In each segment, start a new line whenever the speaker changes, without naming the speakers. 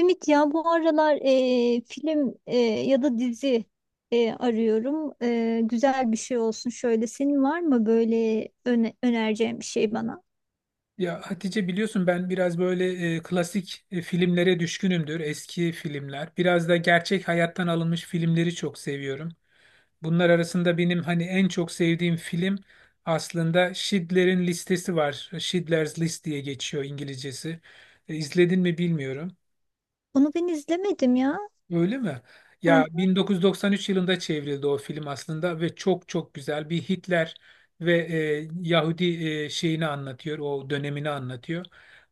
Ümit, ya bu aralar film, ya da dizi arıyorum. Güzel bir şey olsun şöyle. Senin var mı böyle önereceğin bir şey bana?
Ya Hatice biliyorsun ben biraz böyle klasik filmlere düşkünümdür. Eski filmler. Biraz da gerçek hayattan alınmış filmleri çok seviyorum. Bunlar arasında benim hani en çok sevdiğim film aslında Schindler'in Listesi var. Schindler's List diye geçiyor İngilizcesi. İzledin mi bilmiyorum.
Onu ben izlemedim ya.
Öyle mi? Ya
Heh,
1993 yılında çevrildi o film aslında ve çok çok güzel bir Hitler ve Yahudi şeyini anlatıyor, o dönemini anlatıyor.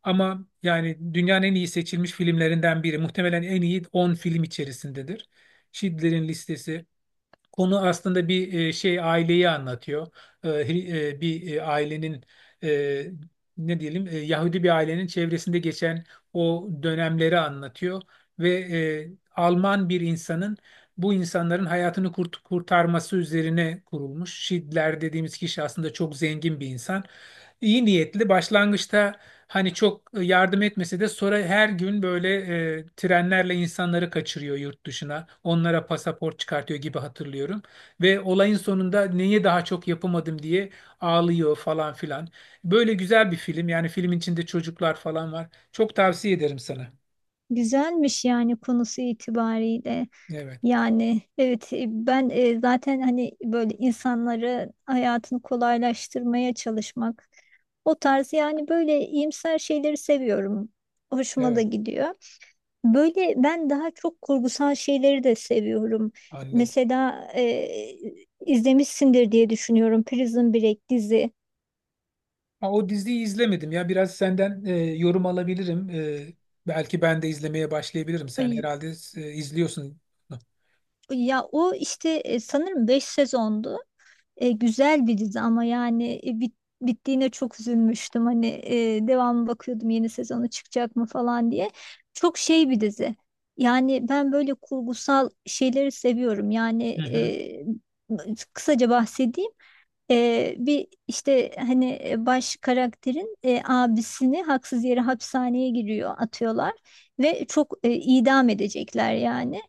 Ama yani dünyanın en iyi seçilmiş filmlerinden biri. Muhtemelen en iyi 10 film içerisindedir. Schindler'in Listesi. Konu aslında bir şey aileyi anlatıyor. Bir ailenin e, ne diyelim Yahudi bir ailenin çevresinde geçen o dönemleri anlatıyor ve Alman bir insanın bu insanların hayatını kurtarması üzerine kurulmuş. Şidler dediğimiz kişi aslında çok zengin bir insan. İyi niyetli başlangıçta. Hani çok yardım etmese de sonra her gün böyle trenlerle insanları kaçırıyor yurt dışına. Onlara pasaport çıkartıyor gibi hatırlıyorum. Ve olayın sonunda neyi daha çok yapamadım diye ağlıyor falan filan. Böyle güzel bir film. Yani filmin içinde çocuklar falan var. Çok tavsiye ederim sana.
güzelmiş yani konusu itibariyle.
Evet,
Yani evet, ben zaten hani böyle insanları hayatını kolaylaştırmaya çalışmak, o tarz yani böyle iyimser şeyleri seviyorum. Hoşuma da
evet
gidiyor. Böyle ben daha çok kurgusal şeyleri de seviyorum.
anladım.
Mesela izlemişsindir diye düşünüyorum Prison Break dizi.
Ha, o diziyi izlemedim ya. Biraz senden yorum alabilirim. Belki ben de izlemeye başlayabilirim. Sen
Ay,
herhalde izliyorsun.
ya o işte sanırım 5 sezondu. Güzel bir dizi ama yani bittiğine çok üzülmüştüm. Hani devamı bakıyordum, yeni sezonu çıkacak mı falan diye. Çok şey bir dizi. Yani ben böyle kurgusal şeyleri seviyorum. Yani
Hı hı.
e, kısaca bahsedeyim. Bir işte hani baş karakterin abisini haksız yere hapishaneye giriyor, atıyorlar ve çok idam edecekler yani.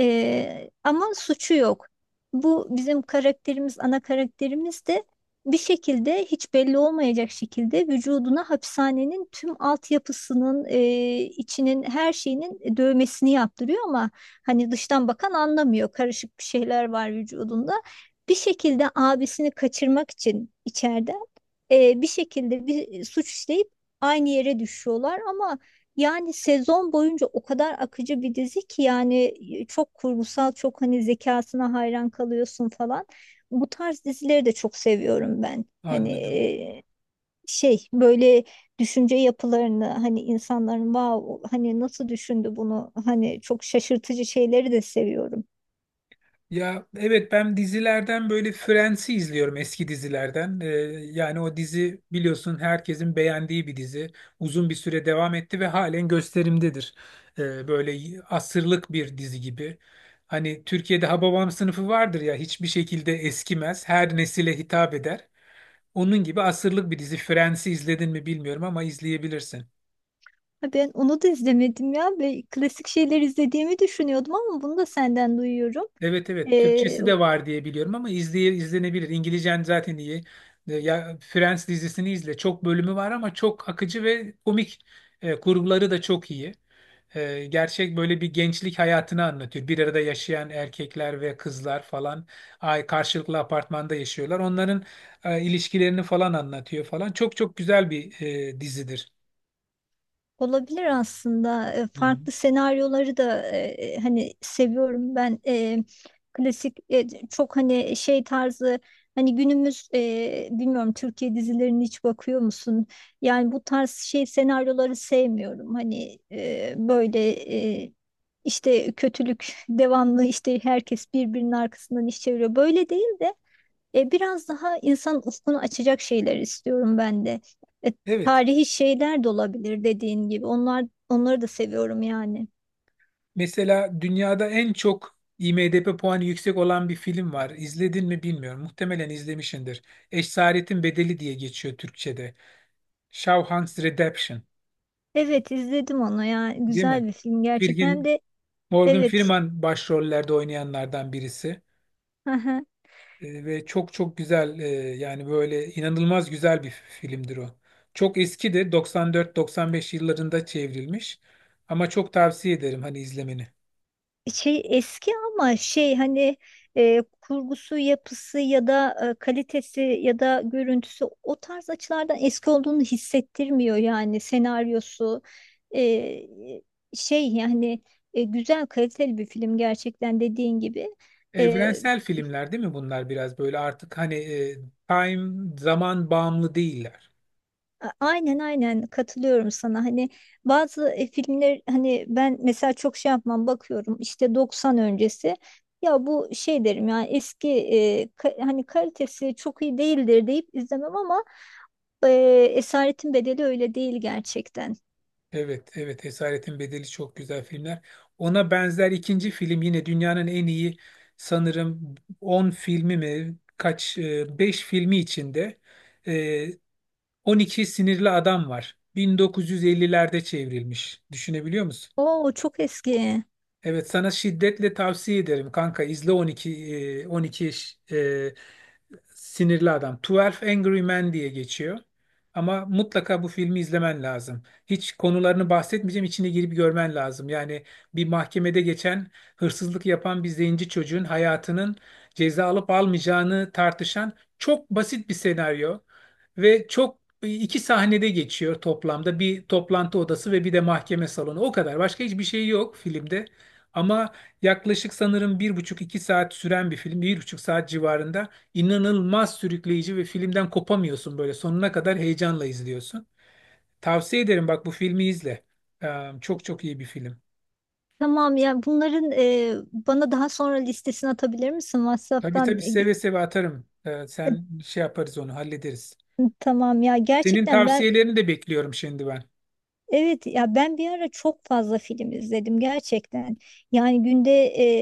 Ama suçu yok. Bu bizim karakterimiz, ana karakterimiz de bir şekilde hiç belli olmayacak şekilde vücuduna hapishanenin tüm altyapısının içinin, her şeyinin dövmesini yaptırıyor ama hani dıştan bakan anlamıyor, karışık bir şeyler var vücudunda. Bir şekilde abisini kaçırmak için içeride bir şekilde bir suç işleyip aynı yere düşüyorlar ama yani sezon boyunca o kadar akıcı bir dizi ki yani çok kurgusal, çok hani zekasına hayran kalıyorsun falan. Bu tarz dizileri de çok seviyorum ben. Hani
Anladım.
şey, böyle düşünce yapılarını, hani insanların, wow, hani nasıl düşündü bunu, hani çok şaşırtıcı şeyleri de seviyorum.
Ya evet ben dizilerden böyle Friends'i izliyorum eski dizilerden. Yani o dizi biliyorsun herkesin beğendiği bir dizi. Uzun bir süre devam etti ve halen gösterimdedir. Böyle asırlık bir dizi gibi. Hani Türkiye'de Hababam sınıfı vardır ya hiçbir şekilde eskimez. Her nesile hitap eder. Onun gibi asırlık bir dizi. Friends'i izledin mi bilmiyorum ama izleyebilirsin.
Ha, ben onu da izlemedim ya. Ve klasik şeyler izlediğimi düşünüyordum ama bunu da senden duyuyorum.
Evet evet
Ee,
Türkçesi de var diye biliyorum ama izlenebilir. İngilizcen zaten iyi. Ya Friends dizisini izle. Çok bölümü var ama çok akıcı ve komik. Kurguları da çok iyi. Gerçek böyle bir gençlik hayatını anlatıyor. Bir arada yaşayan erkekler ve kızlar falan ay karşılıklı apartmanda yaşıyorlar. Onların ilişkilerini falan anlatıyor falan. Çok çok güzel bir dizidir.
Olabilir aslında.
Hı hı.
Farklı senaryoları da hani seviyorum ben. Klasik, çok hani şey tarzı, hani günümüz, bilmiyorum, Türkiye dizilerini hiç bakıyor musun? Yani bu tarz şey senaryoları sevmiyorum. Hani böyle e, işte kötülük devamlı, işte herkes birbirinin arkasından iş çeviriyor. Böyle değil de biraz daha insan ufkunu açacak şeyler istiyorum ben de. E,
Evet.
Tarihi şeyler de olabilir dediğin gibi. Onlar, onları da seviyorum yani.
Mesela dünyada en çok IMDb puanı yüksek olan bir film var. İzledin mi bilmiyorum. Muhtemelen izlemişsindir. Esaretin Bedeli diye geçiyor Türkçe'de. Shawshank Redemption,
Evet, izledim onu ya.
değil mi?
Güzel bir film gerçekten
Firgin,
de,
Morgan
evet.
Freeman başrollerde oynayanlardan birisi. Ve çok çok güzel yani böyle inanılmaz güzel bir filmdir o. Çok eskidir. 94-95 yıllarında çevrilmiş. Ama çok tavsiye ederim hani izlemeni.
Şey eski ama şey hani kurgusu, yapısı ya da kalitesi ya da görüntüsü, o tarz açılardan eski olduğunu hissettirmiyor yani senaryosu. E, Şey yani, güzel, kaliteli bir film gerçekten, dediğin gibi. E,
Evrensel filmler değil mi bunlar biraz böyle artık hani time zaman bağımlı değiller.
Aynen, aynen katılıyorum sana. Hani bazı filmler, hani ben mesela çok şey yapmam, bakıyorum işte 90 öncesi. Ya bu, şey derim yani, hani kalitesi çok iyi değildir deyip izlemem ama e, Esaretin Bedeli öyle değil gerçekten.
Evet, evet Esaretin Bedeli çok güzel filmler. Ona benzer ikinci film yine dünyanın en iyi sanırım 10 filmi mi kaç 5 filmi içinde e, 12 Sinirli Adam var. 1950'lerde çevrilmiş. Düşünebiliyor musun?
Oo, çok eski.
Evet sana şiddetle tavsiye ederim kanka izle 12 12 sinirli adam. 12 Angry Men diye geçiyor. Ama mutlaka bu filmi izlemen lazım. Hiç konularını bahsetmeyeceğim, içine girip görmen lazım. Yani bir mahkemede geçen hırsızlık yapan bir zenci çocuğun hayatının ceza alıp almayacağını tartışan çok basit bir senaryo ve çok iki sahnede geçiyor toplamda. Bir toplantı odası ve bir de mahkeme salonu. O kadar. Başka hiçbir şey yok filmde. Ama yaklaşık sanırım bir buçuk iki saat süren bir film, bir buçuk saat civarında inanılmaz sürükleyici ve filmden kopamıyorsun böyle sonuna kadar heyecanla izliyorsun. Tavsiye ederim bak bu filmi izle. Çok çok iyi bir film.
Tamam ya, bunların bana daha sonra listesini atabilir misin
Tabii
WhatsApp'tan?
tabii seve seve atarım. Sen şey yaparız onu hallederiz.
Tamam ya,
Senin
gerçekten ben.
tavsiyelerini de bekliyorum şimdi ben.
Evet ya, ben bir ara çok fazla film izledim gerçekten. Yani günde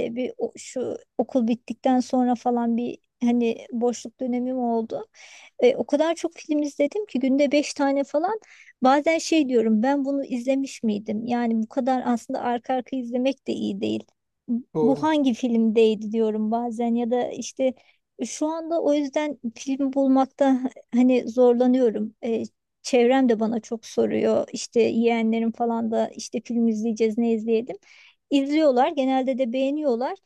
şu okul bittikten sonra falan bir hani boşluk dönemim oldu. O kadar çok film izledim ki, günde beş tane falan. Bazen şey diyorum, ben bunu izlemiş miydim? Yani bu kadar aslında arka arka izlemek de iyi değil. Bu
Doğru.
hangi filmdeydi diyorum bazen, ya da işte şu anda o yüzden film bulmakta hani zorlanıyorum. Çevrem de bana çok soruyor. İşte yeğenlerim falan da, işte film izleyeceğiz, ne izleyelim. İzliyorlar. Genelde de beğeniyorlar.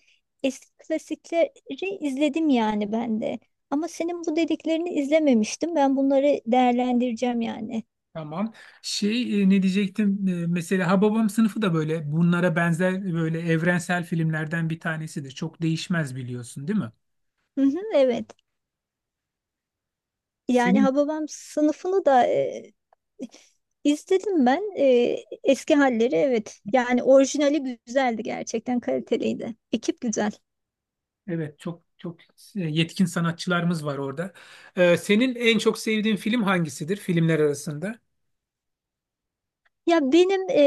Eski klasikleri izledim yani ben de. Ama senin bu dediklerini izlememiştim. Ben bunları değerlendireceğim yani.
Tamam. Şey ne diyecektim? Mesela Hababam sınıfı da böyle bunlara benzer böyle evrensel filmlerden bir tanesidir. Çok değişmez biliyorsun, değil mi?
Hı hı, evet. Yani
Senin
Hababam sınıfını da izledim ben. Eski halleri, evet. Yani orijinali güzeldi gerçekten, kaliteliydi. Ekip güzel.
evet çok çok yetkin sanatçılarımız var orada. Senin en çok sevdiğin film hangisidir filmler arasında?
Ya benim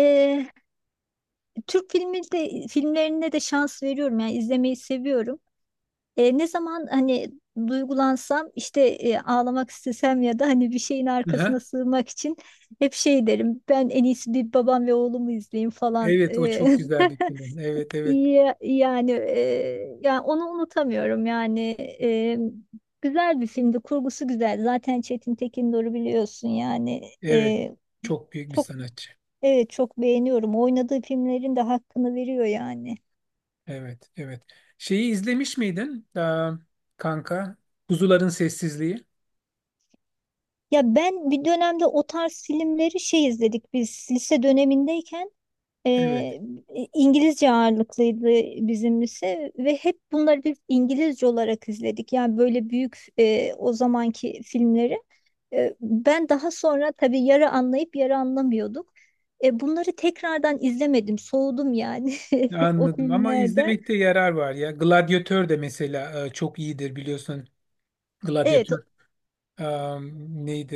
Türk filmi de, filmlerine de şans veriyorum yani, izlemeyi seviyorum. Ne zaman hani duygulansam, işte ağlamak istesem ya da hani bir şeyin
Aha.
arkasına sığmak için, hep şey derim, ben en iyisi bir Babam ve Oğlum'u izleyeyim falan.
Evet o çok güzel bir film. Evet evet.
Yani, yani onu unutamıyorum yani. E, Güzel bir filmdi, kurgusu güzel, zaten Çetin Tekindor'u biliyorsun yani.
Evet. Çok büyük bir
Çok,
sanatçı.
evet, çok beğeniyorum, oynadığı filmlerin de hakkını veriyor yani.
Evet evet. Şeyi izlemiş miydin? Aa, kanka. Kuzuların Sessizliği.
Ya ben bir dönemde o tarz filmleri şey, izledik biz lise dönemindeyken
Evet.
e, İngilizce ağırlıklıydı bizim lise, ve hep bunları biz İngilizce olarak izledik. Yani böyle büyük o zamanki filmleri. Ben daha sonra tabii, yarı anlayıp yarı anlamıyorduk. Bunları tekrardan izlemedim, soğudum yani o
Anladım ama
filmlerden.
izlemekte yarar var ya. Gladyatör de mesela çok iyidir biliyorsun.
Evet,
Gladyatör e, neydi.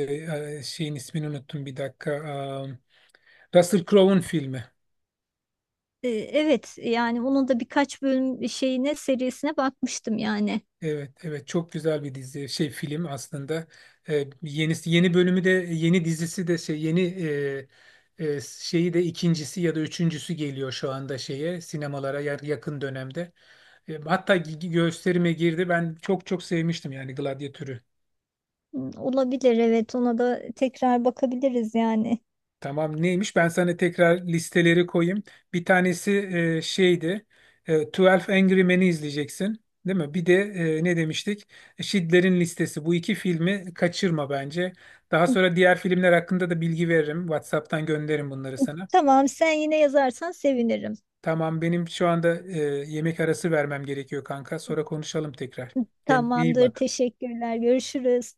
Şeyin ismini unuttum bir dakika. Russell Crowe'un filmi.
evet yani onun da birkaç bölüm şeyine, serisine bakmıştım yani.
Evet evet çok güzel bir dizi şey film aslında. Yenisi yeni bölümü de yeni dizisi de şey yeni şeyi de ikincisi ya da üçüncüsü geliyor şu anda şeye sinemalara yakın dönemde. Hatta gösterime girdi. Ben çok çok sevmiştim yani Gladyatör'ü.
Hmm, olabilir, evet, ona da tekrar bakabiliriz yani.
Tamam neymiş? Ben sana tekrar listeleri koyayım. Bir tanesi şeydi. 12 Angry Men'i izleyeceksin. Değil mi? Bir de ne demiştik? Schindler'in Listesi. Bu iki filmi kaçırma bence. Daha sonra diğer filmler hakkında da bilgi veririm. WhatsApp'tan gönderirim bunları sana.
Tamam, sen yine yazarsan sevinirim.
Tamam benim şu anda yemek arası vermem gerekiyor kanka. Sonra konuşalım tekrar. Kendine iyi
Tamamdır,
bak.
teşekkürler, görüşürüz.